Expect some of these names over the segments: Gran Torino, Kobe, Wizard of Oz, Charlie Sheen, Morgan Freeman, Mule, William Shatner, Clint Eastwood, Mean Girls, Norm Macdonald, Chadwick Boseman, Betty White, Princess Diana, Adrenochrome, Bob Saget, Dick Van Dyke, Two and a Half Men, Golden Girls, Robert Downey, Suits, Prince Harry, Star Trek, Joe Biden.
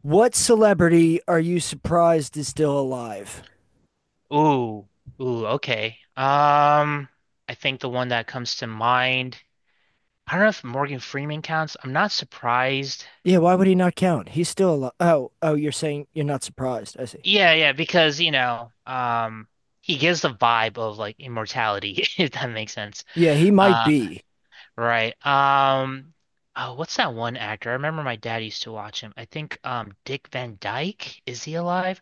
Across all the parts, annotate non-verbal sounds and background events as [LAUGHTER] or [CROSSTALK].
What celebrity are you surprised is still alive? Ooh, ooh, okay. I think the one that comes to mind, I don't know if Morgan Freeman counts. I'm not surprised. Yeah, why would he not count? He's still alive. Oh, oh, you're saying you're not surprised. I see. Yeah, yeah, because he gives the vibe of like immortality, [LAUGHS] if that makes sense. Yeah, he might Uh, be. right. Oh, what's that one actor? I remember my dad used to watch him. I think Dick Van Dyke, is he alive?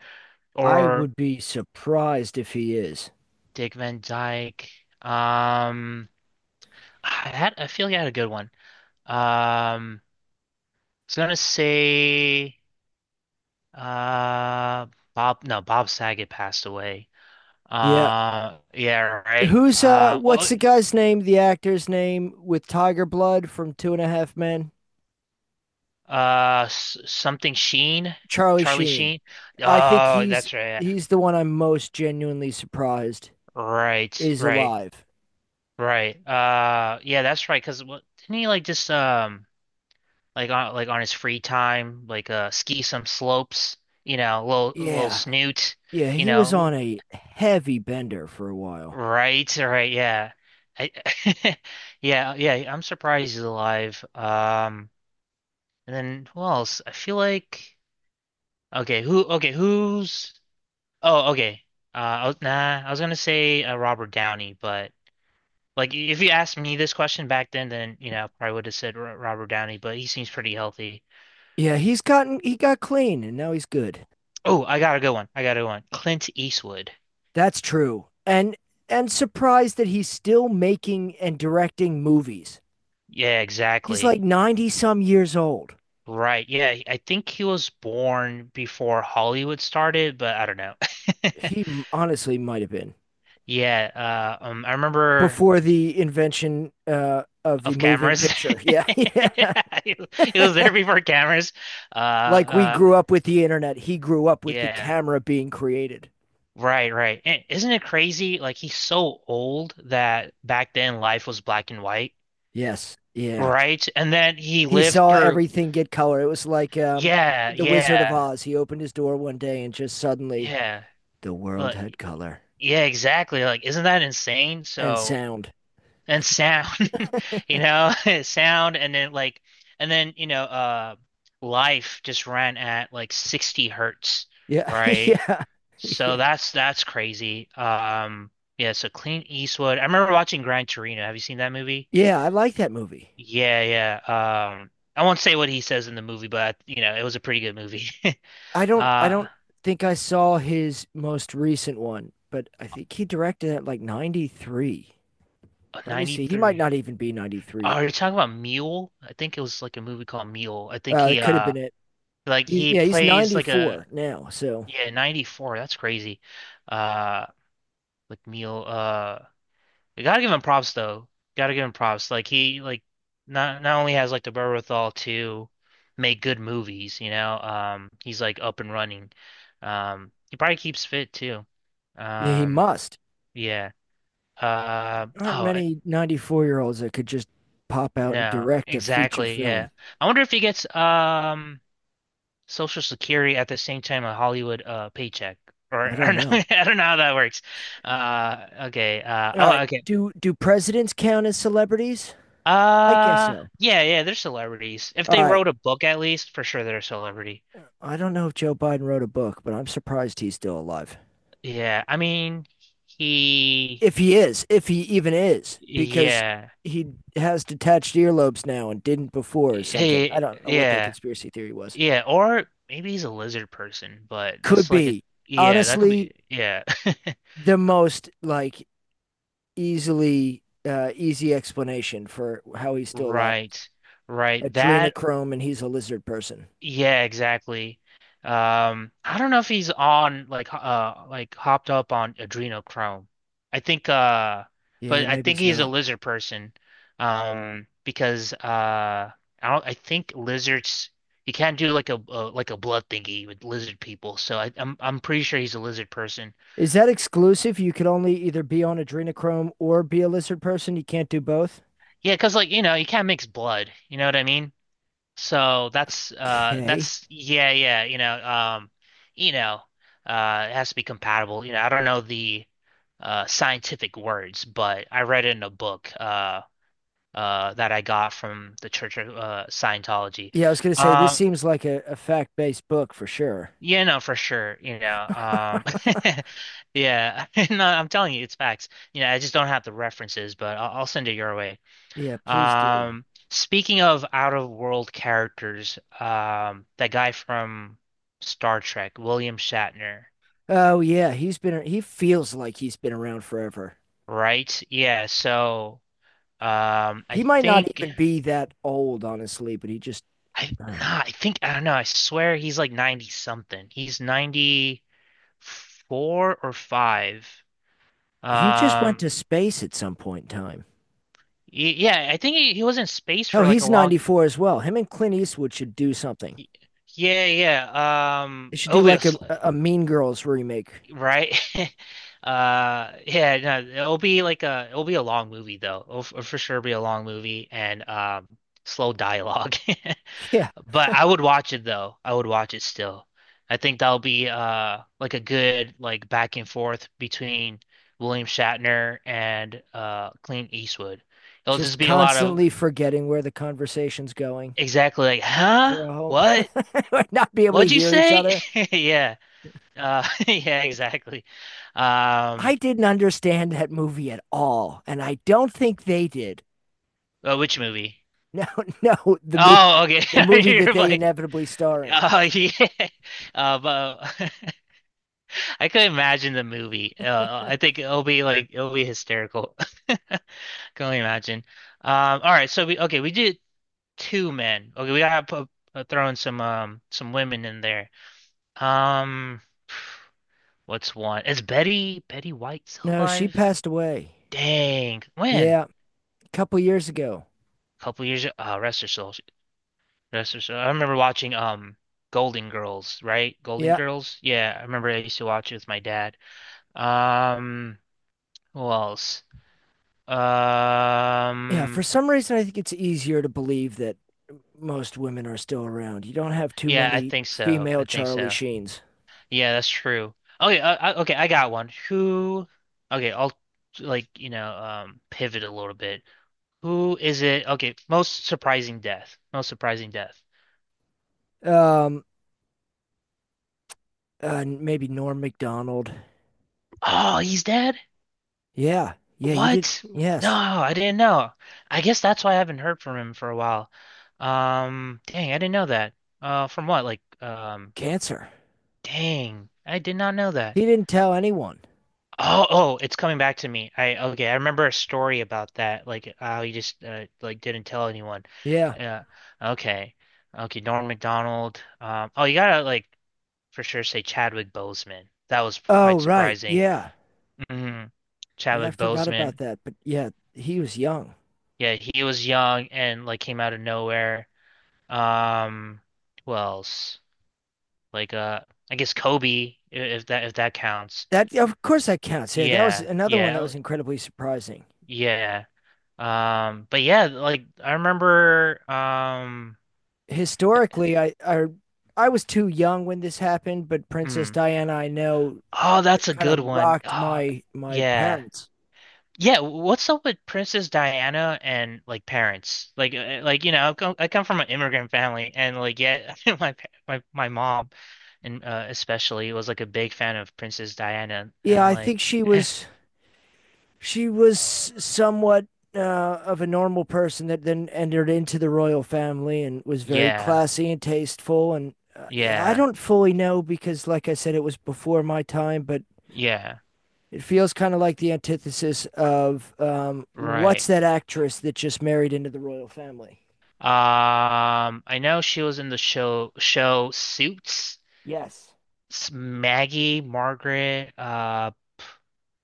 I Or would be surprised if he is. Dick Van Dyke. Um, I feel like I had a good one. Um. Was gonna say uh Bob, no, Bob Saget passed away. Yeah. Yeah, right. Who's what's Oh, the guy's name, the actor's name with Tiger Blood from Two and a Half Men? Something Sheen, Charlie Charlie Sheen. Sheen. I think Oh, he's that's right, yeah. he's the one I'm most genuinely surprised Right, is right, alive. right. Yeah, that's right, 'cause what didn't he like just like on his free time, like ski some slopes, little Yeah. snoot, Yeah, you he was know, on a heavy bender for a while. right, right, yeah. I, [LAUGHS] yeah, yeah, I'm surprised he's alive. And then who else? I feel like okay, who, okay, who's, oh, okay. Nah, I was gonna say Robert Downey, but like if you asked me this question back then, I probably would have said R Robert Downey, but he seems pretty healthy. Yeah, he got clean and now he's good. Oh, I got a good one. I got a good one. Clint Eastwood. That's true. And surprised that he's still making and directing movies. Yeah, He's like exactly. 90 some years old. Right. Yeah, I think he was born before Hollywood started, but I don't know. [LAUGHS] He honestly might have been Yeah, I remember before the invention of the of moving cameras. picture. Yeah. [LAUGHS] Yeah. He he was [LAUGHS] there before cameras. Uh, Like we uh, grew up with the internet, he grew up with the yeah, camera being created. right, right. And isn't it crazy? Like he's so old that back then life was black and white, Yes. Yeah. right? And then he He lived saw through. everything get color. It was like Yeah, the Wizard of yeah, Oz. He opened his door one day and just suddenly yeah. the world had Like, color yeah, exactly. Like, isn't that insane? and So. sound. And sound, [LAUGHS] you know, [LAUGHS] sound, and then like, and then life just ran at like 60 hertz, Yeah, [LAUGHS] right? yeah, So yeah, that's crazy. Yeah. So Clint Eastwood. I remember watching Gran Torino. Have you seen that movie? yeah. I like that movie. Yeah, yeah. I won't say what he says in the movie, but it was a pretty good movie. [LAUGHS] I Uh, don't think I saw his most recent one, but I think he directed it like '93. oh, Let me see. He might 93. not even be Oh, '93. are you talking about Mule? I think it was like a movie called Mule. I think It he could have been it. like he Yeah, he's plays like a 94 now, so yeah, 94. That's crazy. Uh McNeil, you gotta give him props though. Gotta give him props. Like he, like not only has like the wherewithal to make good movies, he's like up and running. He probably keeps fit too. yeah, he Um must. yeah. Uh There aren't oh I, many 94-year-olds that could just pop out and no, direct a feature exactly, film. yeah. I wonder if he gets Social Security at the same time a Hollywood paycheck. Or, I [LAUGHS] don't know. I don't know how that works. Okay. All Oh right. okay. Do presidents count as celebrities? I guess so. Yeah, yeah, they're celebrities. If All they right. wrote a book at least, for sure they're a celebrity. I don't know if Joe Biden wrote a book, but I'm surprised he's still alive. Yeah, I mean, he, If he is, if he even is, because yeah. he has detached earlobes now and didn't before or something. I He, don't know what that yeah. conspiracy theory was. Yeah, or maybe he's a lizard person, but Could that's like a, be. yeah, that could Honestly, be, yeah. the most like easily easy explanation for how he's [LAUGHS] still alive. Right. Right. That Adrenochrome and he's a lizard person. Yeah, exactly. I don't know if he's on like like hopped up on adrenochrome. I think Yeah, But I maybe think he's he's a not. lizard person. Because I think lizards, you can't do like a, like a blood thingy with lizard people. So I'm pretty sure he's a lizard person. Is that exclusive? You could only either be on adrenochrome or be a lizard person. You can't do both. Yeah, 'cause like you can't mix blood, you know what I mean? So that's uh Okay. that's yeah, yeah, you know it has to be compatible, I don't know the scientific words, but I read it in a book that I got from the Church of Scientology. Yeah, I was going to say this um seems like a fact-based book for sure. yeah, no, for sure. [LAUGHS] Yeah. [LAUGHS] No, I'm telling you it's facts, I just don't have the references, but I'll send it your way. Yeah, please do. Um, Speaking of out of world characters, that guy from Star Trek, William Shatner, Oh yeah, he feels like he's been around forever. right? Yeah, so I He might not think even be that old, honestly, but I uh, nah, I think, I don't know, I swear he's like 90 something. He's 94 or 5. he just went Um to space at some point in time. Yeah, I think he was in space Oh, for like a he's long, 94 as well. Him and Clint Eastwood should do something. y- yeah, yeah. They should do like obviously. a Mean Girls remake. Right? [LAUGHS] Yeah, no, it'll be a long movie though. For sure be a long movie and slow dialogue. [LAUGHS] Yeah, [LAUGHS] But I would watch it though. I would watch it still. I think that'll be like a good like back and forth between William Shatner and Clint Eastwood. It'll just just be a lot of constantly forgetting where the conversation's going exactly like, "Huh? for a whole What? [LAUGHS] not be able to What'd you hear each say?" other. [LAUGHS] Yeah. [LAUGHS] Yeah, exactly. I Um didn't understand that movie at all, and I don't think they did. [LAUGHS] Which movie? No, no, Oh, okay. the [LAUGHS] movie that You're they like, inevitably star in. oh yeah. But [LAUGHS] I could imagine the movie. I think it'll be hysterical. [LAUGHS] Can only imagine. All right, so we okay, we did two men. Okay, we gotta throw in some women in there. Um, what's one? Is Betty White still No, she alive? passed away. Dang, when? Yeah, a couple years ago. A couple years. Oh, rest her soul. That's for sure. I remember watching Golden Girls, right? Golden Yeah, Girls? Yeah, I remember I used to watch it with my dad. Um, who else? yeah. For Um, some reason, I think it's easier to believe that most women are still around. You don't have too yeah, I many think so. female I think Charlie so. Sheens. Yeah, that's true. Okay, okay, I got one. Who? Okay, I'll like, pivot a little bit. Who is it? Okay, most surprising death. Most surprising death. Um, maybe Norm Macdonald. Oh, he's dead? Yeah, yeah. You did. What? No, Yes, I didn't know. I guess that's why I haven't heard from him for a while. Dang, I didn't know that. From what? Like, cancer. dang, I did not know that. He didn't tell anyone. Oh, oh, it's coming back to me. I Okay, I remember a story about that. Like, how he just like didn't tell anyone. Yeah. Uh, okay, okay, Norm Macdonald. Oh, you gotta like for sure say Chadwick Boseman. That was Oh, quite right. surprising. Yeah. hmm Yeah, I Chadwick forgot about Boseman. that. But yeah, he was young. Yeah, he was young and like came out of nowhere. Um, who else? Like I guess Kobe, if that counts. That of course that counts. Yeah, that was Yeah, another one that yeah, was incredibly surprising. yeah. But yeah, like I remember Historically, I was too young when this happened, but Princess mm. Diana, I know, Oh, that's a kind good of one. rocked Oh, my yeah. parents. Yeah, what's up with Princess Diana and like parents? Like I come from an immigrant family, and like, yeah, [LAUGHS] my mom, and especially was like a big fan of Princess Diana. Yeah, I'm I think like, she [LAUGHS] was she was somewhat uh, of a normal person that then entered into the royal family and was very yeah, classy and tasteful. And I yeah, don't fully know because, like I said, it was before my time, but yeah, it feels kind of like the antithesis of what's right. that actress that just married into the royal family? I know she was in the show Suits. Yes. Maggie, Margaret.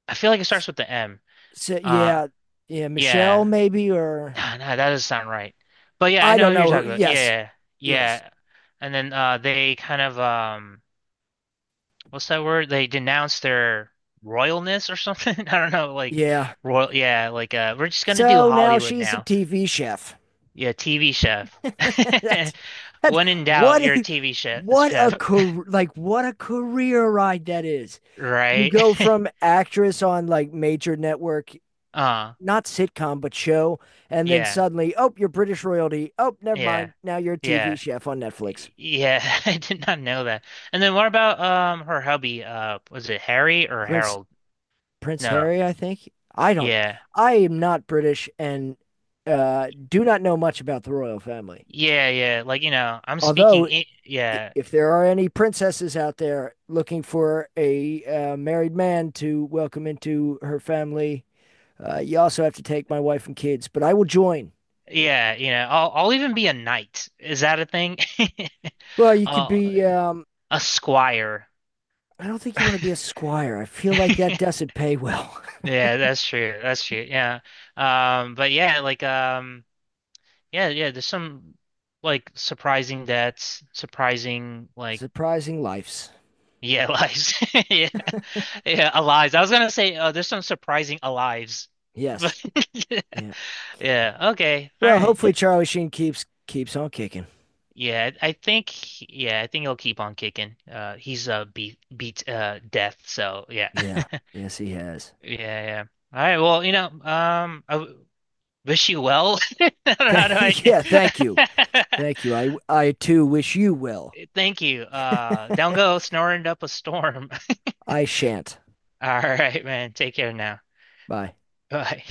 I feel like it starts with the M. So Uh, yeah, yeah, Michelle yeah. maybe or No, no, that doesn't sound right. But yeah, I I don't know who you're know. talking about. Yes, Yeah, yes, yeah. And then they kind of what's that word? They denounced their royalness or something. [LAUGHS] I don't know, like yeah. royal yeah, like we're just gonna do So now Hollywood she's a now. TV chef. Yeah, TV chef. [LAUGHS] [LAUGHS] That's that's When in doubt, what you're a a TV chef what a chef, career like what a career ride that is. You right? go from [LAUGHS] actress on like major network Uh not sitcom but show, and then yeah, suddenly, oh, you're British royalty. Oh, never yeah, mind. Now you're a TV yeah. chef on Netflix. Yeah, [LAUGHS] I did not know that. And then what about her hubby? Was it Harry or Prince Harold? Prince No. Harry, I think. I don't. Yeah. I am not British and do not know much about the royal family. Yeah, yeah. Like, you know, I'm speaking Although, I yeah. if there are any princesses out there looking for a married man to welcome into her family, you also have to take my wife and kids. But I will join. Yeah, I'll even be a knight. Is that a thing? [LAUGHS] Well, you could Oh, be a squire. I don't think you want to be a squire. I feel [LAUGHS] like that doesn't pay well. Yeah, that's true. That's true. Yeah. But yeah, like yeah, yeah, there's some like surprising deaths, surprising, [LAUGHS] like, Surprising lives. yeah, [LAUGHS] lives. [LAUGHS] Yeah. Yeah, alives. I was gonna say there's some surprising alives. [LAUGHS] Yes. But [LAUGHS] Yeah. yeah, okay. All Well, right. hopefully Charlie Sheen keeps on kicking. Yeah, I think, yeah, I think he'll keep on kicking. He's beat death, so yeah. [LAUGHS] Yeah. Yes, he has. Yeah, yeah. All right, well, wish you well. [LAUGHS] I don't know, how do I? [LAUGHS] Yeah. Thank you. Thank you. I too wish you well. [LAUGHS] Thank you. Down [LAUGHS] go snoring up a storm. [LAUGHS] I shan't. All right, man. Take care now. Bye. Bye.